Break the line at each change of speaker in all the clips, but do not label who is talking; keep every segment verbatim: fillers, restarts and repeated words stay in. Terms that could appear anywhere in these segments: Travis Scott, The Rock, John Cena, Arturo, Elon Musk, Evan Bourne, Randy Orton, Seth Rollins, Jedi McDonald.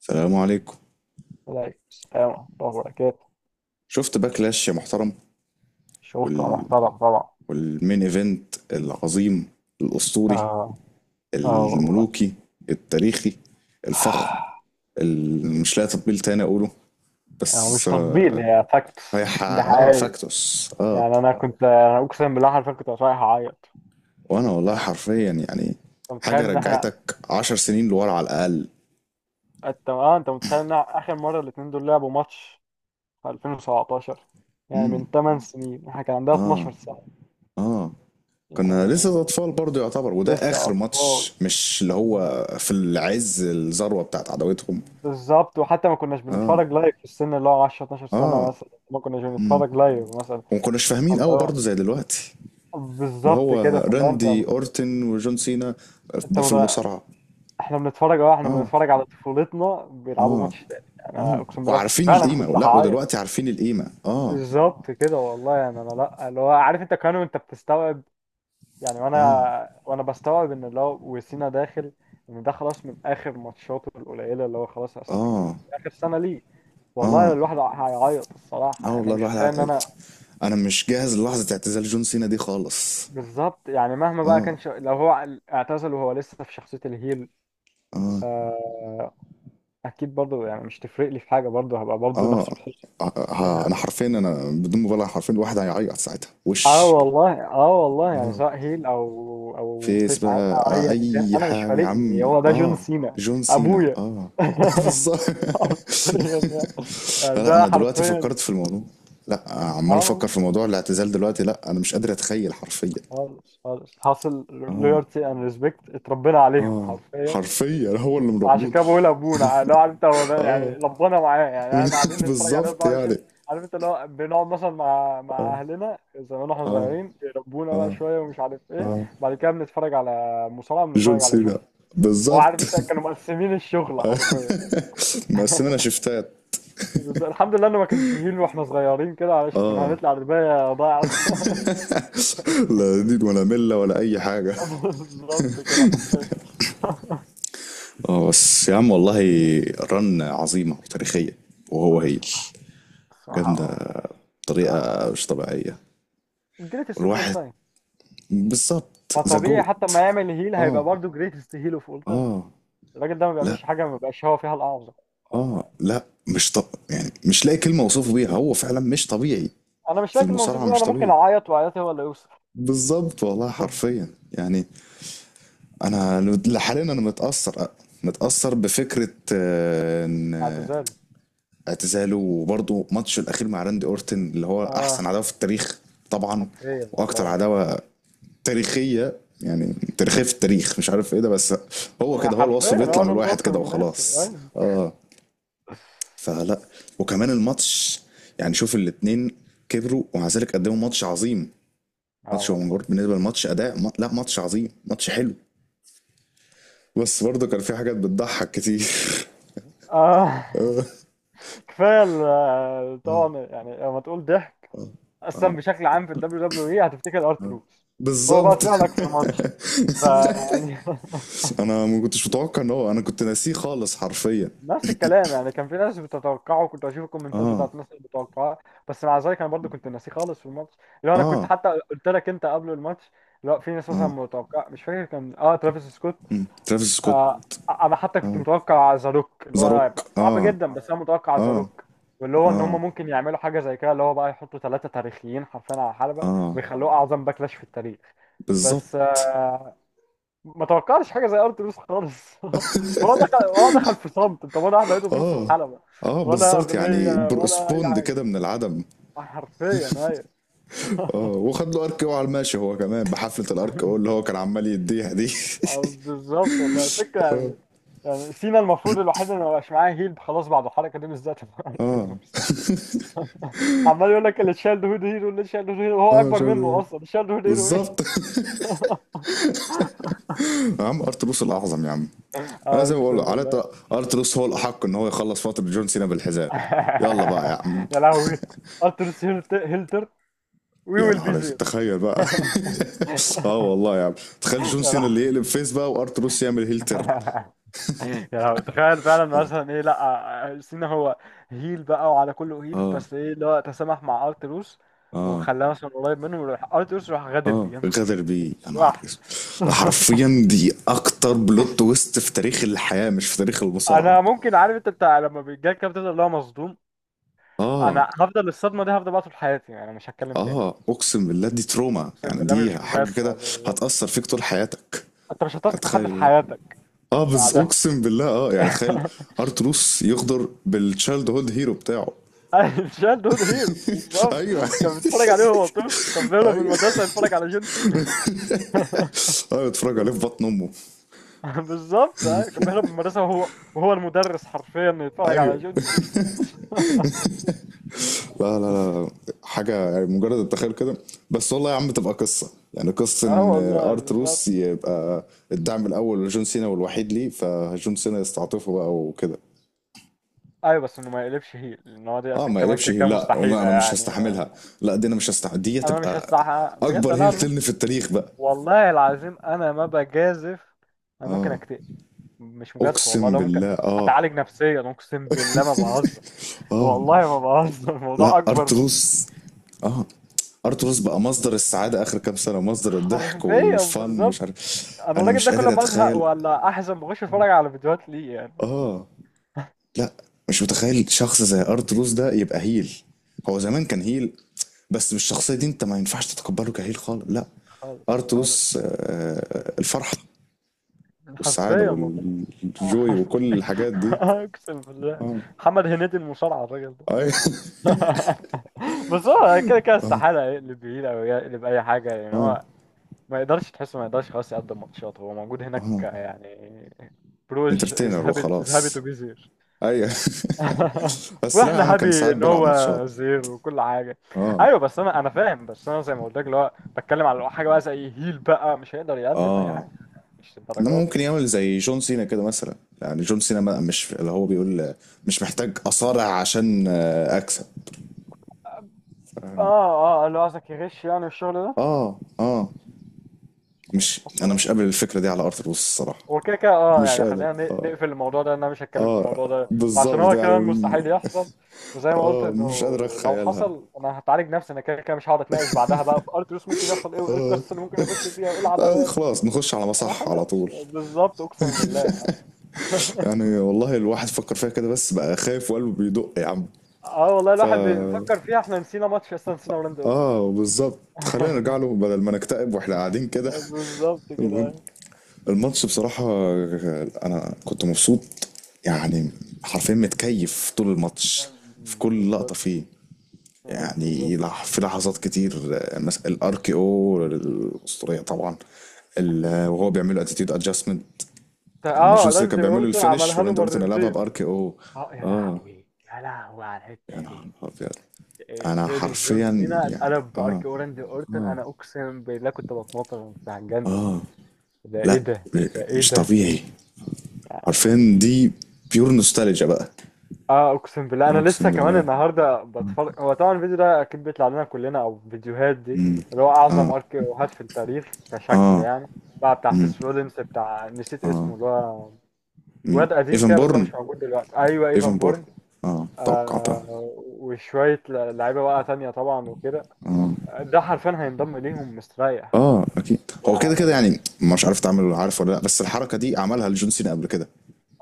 السلام عليكم.
عليكم السلام ورحمة الله وبركاته.
شفت باكلاش يا محترم؟
شوف تبقى
وال...
محترم طبعا.
والمين ايفنت العظيم، الاسطوري،
اه. اه والله.
الملوكي، التاريخي، الفخم اللي مش لاقي تطبيل تاني اقوله.
يعني مش
بس
تطبيل،
آه.
هي فاكتس،
هيح...
ده
اه
حقيقي.
فاكتوس اه.
يعني انا كنت أنا اقسم بالله حرفيا كنت رايح اعيط.
وانا والله
يعني
حرفيا يعني
انت متخيل
حاجه
ان احنا،
رجعتك عشر سنين لورا على الاقل.
انت اه انت متخيل ان اخر مره الاثنين دول لعبوا ماتش في ألفين وسبعة عشر؟ يعني
امم
من 8 سنين احنا كان عندنا
اه
12 سنه.
اه، كنا لسه
يعني
اطفال برضه يعتبر، وده
لسه
اخر
اطفال.
ماتش، مش اللي هو في العز الذروه بتاعت عداوتهم.
بالظبط، وحتى ما كناش
اه
بنتفرج لايف في السن اللي هو عشر 12 سنه
اه
مثلا، ما كناش
امم
بنتفرج لايف مثلا.
وما كناش فاهمين
اللي
قوي
هو
برضه زي دلوقتي، اللي
بالظبط
هو
كده، فاللي هو انت،
راندي اورتن وجون سينا،
انت
آه، في
مت...
المصارعه.
احنا بنتفرج، اه احنا
اه
بنتفرج على طفولتنا بيلعبوا
اه
ماتش تاني. انا
اه
اقسم بالله
وعارفين
فعلا
القيمه،
كنت
لا
هعيط.
ودلوقتي عارفين القيمه اه.
بالظبط كده والله. يعني انا، لا اللي هو عارف انت، كمان وانت بتستوعب، يعني
اه
وانا وانا بستوعب ان اللي هو وسينا داخل، ان ده خلاص من اخر ماتشاته القليله، اللي هو خلاص اصلا.
اه
اخر سنه ليه. والله
اه
الواحد هيعيط الصراحه.
اه
يعني انا
والله
مش
الواحد
متخيل ان
ع...
انا،
انا مش جاهز للحظه اعتزال جون سينا دي خالص.
بالظبط. يعني مهما بقى كان ش... لو هو اعتزل وهو لسه في شخصيه الهيل، اكيد برضو. يعني مش تفرق لي في حاجه، برضو هبقى برضو
اه
نفس الحسن
آه، آه، انا
يعني.
حرفيا انا بدون مبالغه حرفيا الواحد هيعيط ساعتها
اه
وش.
والله، اه والله. يعني سواء هيل او او
فيس
فيس عادي
بقى،
او
آه،
ايا كان،
اي
انا مش
حاجة يا
فارق
عم
لي، هو ده جون
اه.
سينا.
جون سينا
ابويا.
اه. بالظبط.
حرفيا يعني، يعني
لا لا،
ده
انا دلوقتي
حرفيا.
فكرت في الموضوع، لا عمال
اه
افكر
والله.
في موضوع الاعتزال دلوقتي، لا انا مش قادر اتخيل حرفيا.
خالص خالص، حاصل
اه
لويالتي اند ريسبكت، اتربينا عليهم
اه،
حرفيا.
حرفيا هو اللي
عشان
مربيني.
كده بقول ابونا اللي هو عارف انت هو ده.
اه
يعني ربنا معاه، يعني احنا قاعدين نتفرج عليه
بالظبط يعني.
اربعه وعشرين. عارف انت، اللي هو بنقعد مثلا مع مع
اه
اهلنا زمان واحنا
اه
صغيرين، يربونا بقى
اه
شويه ومش عارف ايه،
اه
بعد كده بنتفرج على مصارعه،
جون
بنتفرج على جون.
سينا.
هو
بالظبط.
عارف انت، كانوا مقسمين الشغل حرفيا.
مقسمنا شفتات.
بس الحمد لله انه ما كانش يهين واحنا صغيرين كده، علشان كنا
اه
هنطلع رباية ضايع.
لا دين ولا ملة ولا اي حاجة.
بالظبط كده حرفيا.
اه بس يا عم والله، رن عظيمة وتاريخية، وهو هيل
الصراحه، الصراحه
جامدة
اه.
بطريقة
الصراحه
مش طبيعية.
جريتست اوف اول
والواحد
تايم.
بالظبط ذا
فطبيعي حتى ما
جوت.
يعمل هيل هيبقى
اه
برضه جريتست هيل اوف اول تايم.
اه
الراجل ده ما
لا
بيعملش حاجه ما بيبقاش هو فيها الاعظم. آه.
اه
آه.
لا. مش طب يعني مش لاقي كلمة اوصفه بيها، هو فعلا مش طبيعي
انا مش
في
لكن موصوف
المصارعة،
بيه.
مش
انا ممكن
طبيعي.
اعيط، وعياطي هو اللي يوصل.
بالظبط والله حرفيا يعني. انا لحاليا انا متأثر، متأثر بفكرة آه، ان
اعتزال.
اعتزاله، وبرضه ماتشه الاخير مع راندي اورتن اللي هو
اه
احسن عداوه في التاريخ. طبعا.
حرفيا
واكتر
والله يعني.
عداوه تاريخيه، يعني تاريخيه في التاريخ مش عارف ايه ده، بس هو
يعني
كده، هو الوصف
حرفيا
بيطلع
هو
من
ده
الواحد
الوصف
كده
المناسب،
وخلاص
أيوة.
اه. فلا. وكمان الماتش يعني، شوف الاتنين كبروا ومع ذلك قدموا ماتش عظيم.
اه
ماتش هو
والله.
مجرد بالنسبه للماتش اداء ما... لا ماتش عظيم، ماتش حلو. بس برضه كان في حاجات بتضحك كتير.
آه.
آه،
كفايه ال- آه، طبعا يعني لما تقول ضحك، اصلا بشكل عام في الدبليو دبليو اي هتفتكر ارتروس. هو بقى
بالظبط.
طلع لك في الماتش، فيعني
انا ما كنتش متوقع ان هو، انا كنت ناسيه خالص حرفيا.
نفس الكلام يعني، كان في ناس بتتوقعه، كنت اشوف الكومنتات بتاعت
آه.
الناس اللي بتتوقعه. بس مع ذلك انا برضو كنت ناسيه خالص في الماتش. لو انا كنت
آه.
حتى قلت لك انت قبل الماتش، لا في ناس مثلا
آه
متوقع، مش فاكر كان اه ترافيس سكوت.
ترافيس سكوت.
آه. انا حتى كنت متوقع ذا روك، اللي
ذا
هو
روك
هيبقى صعب
آه.
جدا، بس انا متوقع ذا
آه.
روك، واللي هو ان
آه.
هم ممكن يعملوا حاجه زي كده، اللي هو بقى يحطوا ثلاثه تاريخيين حرفيا على حلبه،
آه
ويخلوه اعظم باكلاش في التاريخ. بس
بالظبط.
آه، ما توقعش حاجه زي ارتلوس خالص. ولا دخل، ولا دخل في صمت انت، ولا واحد لقيته في نص
آه.
الحلبه،
آه
ولا
بالظبط يعني،
اغنيه
بر-
ولا اي
سبوند
حاجه.
كده من العدم.
آه، حرفيا ايوه.
آه وخد له ارك او على الماشي، هو كمان بحفلة الارك او اللي هو كان عمال يديها دي.
أو بالظبط والله، الفكره يعني. يعني سينا المفروض الوحيد اللي ما بقاش معاه هيل خلاص بعد الحركه دي بالذات مع
اه
ارتلوس. عمال يقول لك اللي شال هود هيرو، اللي شال هود هيرو هو
اه
اكبر منه
شايف.
اصلا، شال هود هيرو ايه.
بالظبط. يا عم ارتلوس الاعظم يا عم. انا زي ما بقول
اقسم
على
بالله.
الأقل، ارتلوس هو الاحق ان هو يخلص فتره جون سينا بالحزام. يلا بقى يا عم.
يا لهوي. ارتلوس هيل هيل تيرت، وي
يا
ويل بي
نهار اسود،
زير.
تخيل بقى. اه والله يا عم، تخيل جون
يا
سينا اللي يقلب فيس بقى وارتروس يعمل هيل
لهوي.
تيرن.
يا لهوي، تخيل فعلا، مثلا ايه، لا سينا هو هيل بقى وعلى كله هيل،
اه
بس ايه اللي هو تسامح مع ارتروس
اه.
وخلاه مثلا قريب منه، وراح ارتروس راح غادر بيه،
اه
يا نهار
غدر بيه، يا
اسود.
نهار اسود، ده حرفيا دي اكتر بلوت تويست في تاريخ الحياه، مش في تاريخ المصارعه.
انا ممكن عارف انت بتاع، لما بيجيلك كده بتفضل اللي هو مصدوم،
اه.
انا هفضل الصدمه دي، هفضل بقى طول حياتي. يعني انا مش هتكلم
اه
تاني.
اقسم بالله، دي تروما،
اقسم
يعني
بالله
دي
مش
حاجه
مجازفه.
كده
بالظبط.
هتاثر فيك طول حياتك.
انت مش هتثق في حد في
هتخيل.
حياتك
اه بس
بعدها.
اقسم بالله اه، يعني تخيل ارتروس يغدر بالتشايلد هود هيرو بتاعه.
شال دود هيرو بالظبط.
ايوه.
كان بيتفرج عليه وهو طفل، كان بيهرب من
ايوه.
المدرسه يتفرج على جون سينا.
ايوه، اتفرج عليه في بطن امه.
بالظبط ايوه، كان بيهرب من المدرسه وهو وهو المدرس حرفيا يتفرج على
ايوه.
جون سينا.
لا لا لا، حاجة يعني، مجرد التخيل كده. بس والله يا عم، تبقى قصة، يعني قصة
اه
إن
والله
أرتروس
بالظبط.
يبقى الدعم الأول لجون سينا والوحيد ليه، فجون سينا يستعطفه بقى وكده.
ايوه بس انه ما يقلبش هيل، لان هو دي
اه،
اصلا
ما
كمان
يقلبش
كده
هيل،
كده
لا ما
مستحيله
أنا مش
يعني.
هستحملها،
آه،
لا دي أنا مش هستحمل، دي
انا مش
تبقى
هستحق بجد.
أكبر
لا
هيل
انا ممكن،
تلن في التاريخ بقى.
والله العظيم انا ما بجازف، انا ممكن
اه.
اكتئب. مش مجازفه والله،
أقسم
لو ممكن
بالله اه.
هتعالج نفسيا، اقسم بالله ما بهزر،
اه
والله ما بهزر.
لا
الموضوع اكبر من،
أرتروس. اه ارتروس بقى مصدر السعاده اخر كام سنه، مصدر الضحك
حرفيا
والفن، مش
بالظبط.
عارف.
انا
انا
الراجل ده
مش
كل
قادر
ما ازهق
اتخيل.
ولا احزن بخش اتفرج على فيديوهات ليه يعني.
اه. لا مش متخيل شخص زي ارت روز ده يبقى هيل. هو زمان كان هيل، بس بالشخصية دي انت ما ينفعش تتقبله كهيل خالص، لا.
خالص
ارت
خالص.
روز آه، الفرحة والسعادة
حرفيا والله. آه،
والجوي وكل
حرفيا.
الحاجات دي.
اقسم بالله.
اه
محمد هنيدي المصارعه الراجل ده.
اي.
بس هو كده كده استحاله يقلب يمين او يقلب اي حاجه يعني.
اه
هو ما يقدرش تحسه، ما يقدرش خلاص يقدم ماتشات، هو موجود هناك
اه
يعني. بروج از
انترتينر
هابي، از هابي
وخلاص.
تو بي زير.
ايوه. بس لا يا
واحنا
عم،
هابي
كان ساعات
ان
بيلعب
هو
ماتشات.
زير وكل حاجه.
اه
ايوه بس انا انا فاهم، بس انا زي ما قلت لك، اللي هو بتكلم على حاجه بقى زي هيل، بقى مش هيقدر يقدم اي
اه.
حاجه، مش
انما
الدرجات
ممكن
يعني.
يعمل زي جون سينا كده مثلا. يعني جون سينا ما- مش اللي هو بيقول آه، مش محتاج اصارع عشان آه، اكسب.
اه اه، اللي هو قصدك يغش يعني الشغل ده.
آه، آه، مش
حاسه.
أنا مش قابل الفكرة دي على أرض الواقع الصراحة.
وكده كده اه
مش
يعني،
قادر،
خلينا ن-
آه،
نقفل الموضوع ده، إن انا مش هتكلم في
آه،
الموضوع ده، عشان
بالضبط
هو
يعني
كمان
م-
مستحيل يحصل. وزي ما قلت
آه،
انه
مش قادر
لو
أتخيلها،
حصل انا هتعالج نفسي. انا كده كده مش هقعد اتناقش بعدها بقى في ارتلوس ممكن يحصل ايه، وايه
آه،
القصه اللي ممكن يخش فيها، وايه
آه،
العداوات.
خلاص نخش على
انا
مصح على
خلاص
طول.
بالظبط اقسم بالله.
يعني والله الواحد فكر فيها كده، بس بقى خايف وقلبه بيدق يا عم.
اه والله
ف
الواحد بيفكر فيها. احنا نسينا ماتش اصلا، نسينا هولندا
آه بالظبط، خلينا نرجع
أورجواي.
له بدل ما نكتئب وإحنا قاعدين كده.
بالظبط
المهم،
كده.
الماتش بصراحة، أنا كنت مبسوط يعني، حرفيا متكيف طول الماتش، في كل لقطة
بالظبط.
فيه.
بالظبط.
يعني لح- في لحظات كتير آه، مثلا الار كي او الاسطوريه طبعا. ال- آه، وهو بيعمل له اتيتيود ادجستمنت، يعني
اه
ماجون سينا كان
راندي
بيعمل له
اورتون
الفينش
عملها له
وراندي اورتون لعبها
مرتين.
بار كي او.
اه يا
اه،
لهوي، يا لهوي على
يا
الحته
نهار
دي.
ابيض.
إيه،
انا
فينيش جون
حرفيا
سينا
يعني
اتقلب
اه.
بارك راندي اورتون. انا اقسم بالله كنت بتنطط، أنا كنت هتجنن.
اه
ده ايه
لا
ده،
م-
ده ايه
مش
ده
طبيعي.
يعني.
حرفيا دي بيور نوستالجيا بقى.
اه اقسم بالله،
آه،
انا لسه
اقسم
كمان
بالله.
النهارده بتفرج. هو طبعا الفيديو ده اكيد بيطلع لنا كلنا او فيديوهات دي اللي هو اعظم ارك اوهات في التاريخ كشكل
اه
يعني. بقى بتاع سيس رولينز، بتاع نسيت اسمه اللي هو
مين
واد قديم
ايفن
كده بس هو
بورن.
مش موجود دلوقتي، ايوه ايفان
ايفن بورن.
بورن.
اه توقعتها.
آه، وشوية ل- لعيبة بقى تانية طبعا وكده. ده حرفيا هينضم ليهم مستريح
اه اكيد. هو كده كده
يعني.
يعني، مش عارف تعمل عارف ولا لا، بس الحركه دي عملها لجون سينا قبل كده.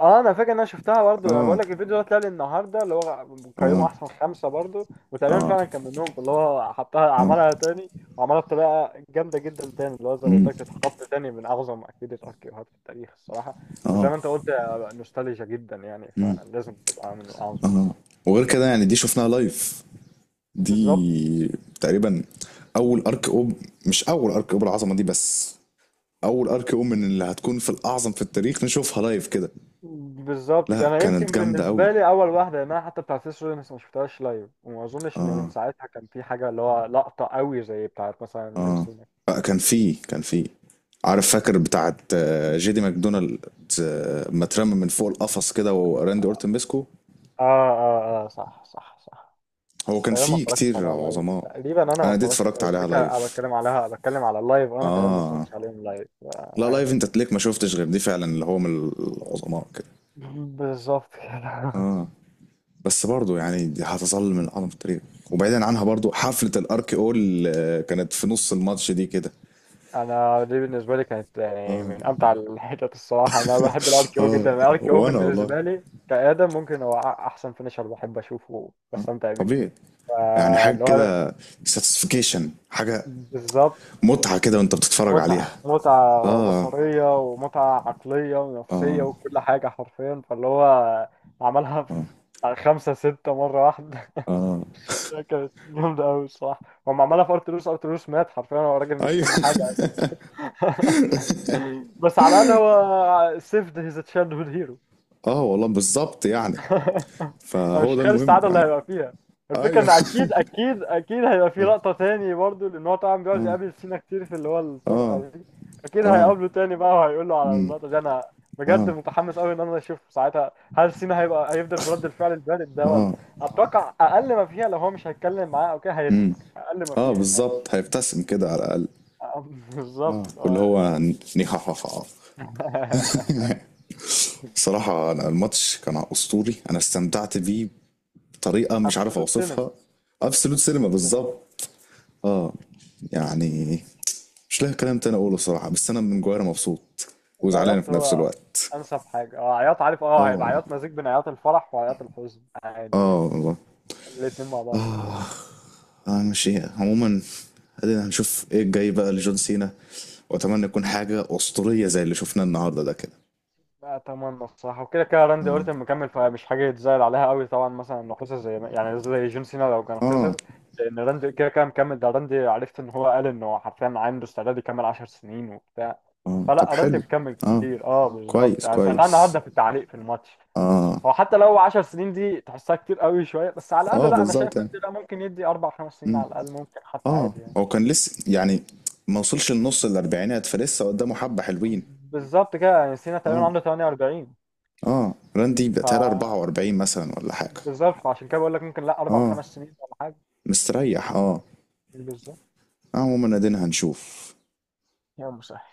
اه انا فاكر ان انا شفتها برضو. انا بقول
اه
لك الفيديو ده طلع لي النهارده اللي هو قيموا احسن خمسه، برضو وتقريبا فعلا كان منهم اللي هو حطها، عملها تاني وعملها بطريقه جامده جدا تاني، اللي هو زي ما قلت لك تتحط تاني من اعظم اكيد الاركيوهات في التاريخ الصراحه. وزي
اه
ما انت قلت آه، نوستالجيا جدا يعني، فلازم تبقى من الاعظم.
اه. وغير كده يعني، دي شفناها لايف،
بالظبط.
دي تقريبا اول ارك اوب، مش اول ارك اوب العظمه دي، بس اول ارك اوب من اللي هتكون في الاعظم في التاريخ نشوفها لايف كده.
بالظبط كده.
لا
انا
كانت
يمكن
جامده قوي.
بالنسبه لي اول واحده يعني، انا حتى بتاعت سيس رولينز ما شفتهاش لايف، وما اظنش ان من
اه
ساعتها كان في حاجه اللي هو لقطه قوي زي بتاعت مثلا جون
اه
سينا.
آه، كان في، كان في، عارف فاكر بتاعت آه، جيدي ماكدونالد آه، ما اترمى من فوق القفص كده وراندي اورتن مسكه.
اه اه اه، صح صح صح.
هو
بس
كان
تقريبا ما
فيه
اتفرجتش
كتير
عليها لايف
عظماء.
تقريبا، انا ما
انا دي
اتفرجت،
اتفرجت عليها
الفكره انا
لايف.
بتكلم عليها بتكلم على اللايف، انا تقريبا ما
اه
اتفرجتش عليهم لايف
لا
آه.
لايف انت تليك ما شفتش غير دي فعلا، اللي هو من العظماء كده.
بالظبط كده.
بس برضو يعني، دي هتظل من اعظم التاريخ. وبعيدا عنها برضو، حفلة الارك اول آه، كانت في نص الماتش دي كده.
انا دي بالنسبه لي كانت يعني
اه
من امتع الحتت الصراحه. انا بحب الار كي او
اه.
جدا، الار كي او
وانا والله
بالنسبه لي كادم، ممكن هو أ- احسن فينيشر بحب اشوفه بستمتع بيه.
طبيعي يعني،
فا
حاجة
اللي هو
كده، ساتسفيكيشن، حاجة
بالظبط.
متعة كده وانت بتتفرج
متعه،
عليها.
متعه
اه
بصريه ومتعه عقليه ونفسيه
اه
وكل حاجه حرفيا. فاللي هو عملها في
اه
بتاع خمسة ستة مرة واحدة.
اه.
كانت جامدة أوي الصراحة. هم عملها في أرتلوس، أرتلوس مات حرفيا، هو راجل مش
ايوه.
حمل حاجة. بس على الاقل هو saved his childhood hero.
اه والله بالظبط يعني.
انا
فهو
مش
ده
متخيل
المهم
السعاده اللي
يعني.
هيبقى فيها. الفكره
ايوه.
ان اكيد اكيد اكيد هيبقى في
اه
لقطه تاني برضه، لان هو طبعا بيقعد يقابل سينا كتير في اللي هو
اه
الطرقه دي. اكيد هيقابله تاني بقى وهيقول له على اللقطه دي. انا بجد متحمس قوي ان انا اشوف ساعتها هل سينا هيبقى، هيفضل برد الفعل البارد ده ولا، اتوقع اقل ما فيها لو هو مش هيتكلم معاه او كده هيضحك اقل ما
اه
فيها يعني.
بالظبط هيبتسم كده على الاقل.
بالظبط اللي
واللي
هو.
هو نيهاهاها. الصراحه، أنا الماتش كان اسطوري، انا استمتعت بيه بطريقه مش عارف
absolute
اوصفها.
cinema.
ابسولوت سينما
absolute cinema.
بالظبط. اه يعني، مش لاقي كلام تاني اقوله صراحه، بس انا من جوايا مبسوط وزعلان
العياط
في نفس
هو
الوقت.
انسب حاجه. اه عياط عارف،
اه
اه هيبقى
والله.
عياط مزيج بين عياط الفرح وعياط الحزن عادي
اه
يعني،
والله.
الاتنين مع بعض.
اه انا مش ايه، عموما ادينا هنشوف ايه الجاي بقى لجون سينا، واتمنى يكون حاجه اسطوريه زي اللي شفناه النهارده ده كده.
لا، اتمنى الصراحه. وكده كده راندي اورتن مكمل، فمش حاجه يتزعل عليها قوي طبعا، مثلا انه خسر زي ما- يعني زي جون سينا لو كان
اه
خسر. لان راندي كده كده مكمل، ده راندي عرفت ان هو قال انه حرفيا عنده استعداد يكمل 10 سنين وبتاع.
آه، طب
فلا راندي
حلو.
مكمل
اه
كتير. اه بالظبط،
كويس
انا سمعتها
كويس.
النهارده في التعليق في الماتش.
اه
هو حتى لو 10 سنين دي تحسها كتير قوي شويه، بس على
اه
الاقل، لا انا شايف
بالظبط يعني.
إن لا ممكن يدي اربع خمس سنين
مم.
على الاقل، ممكن حتى
اه
عادي يعني.
هو كان لسه يعني، ما وصلش النص الاربعينات، فلسه قدامه حبة حلوين.
بالظبط كده يعني، سينا تقريبا
اه
عنده تمانية واربعين.
اه راندي بقتها
ف
اربعه واربعين مثلا ولا حاجة.
بالظبط، فعشان كده بقول لك ممكن لا اربع
اه
خمس سنين ولا حاجه.
مستريح اه.
بالظبط.
آه، عموما ادينا هنشوف.
يا مسهل.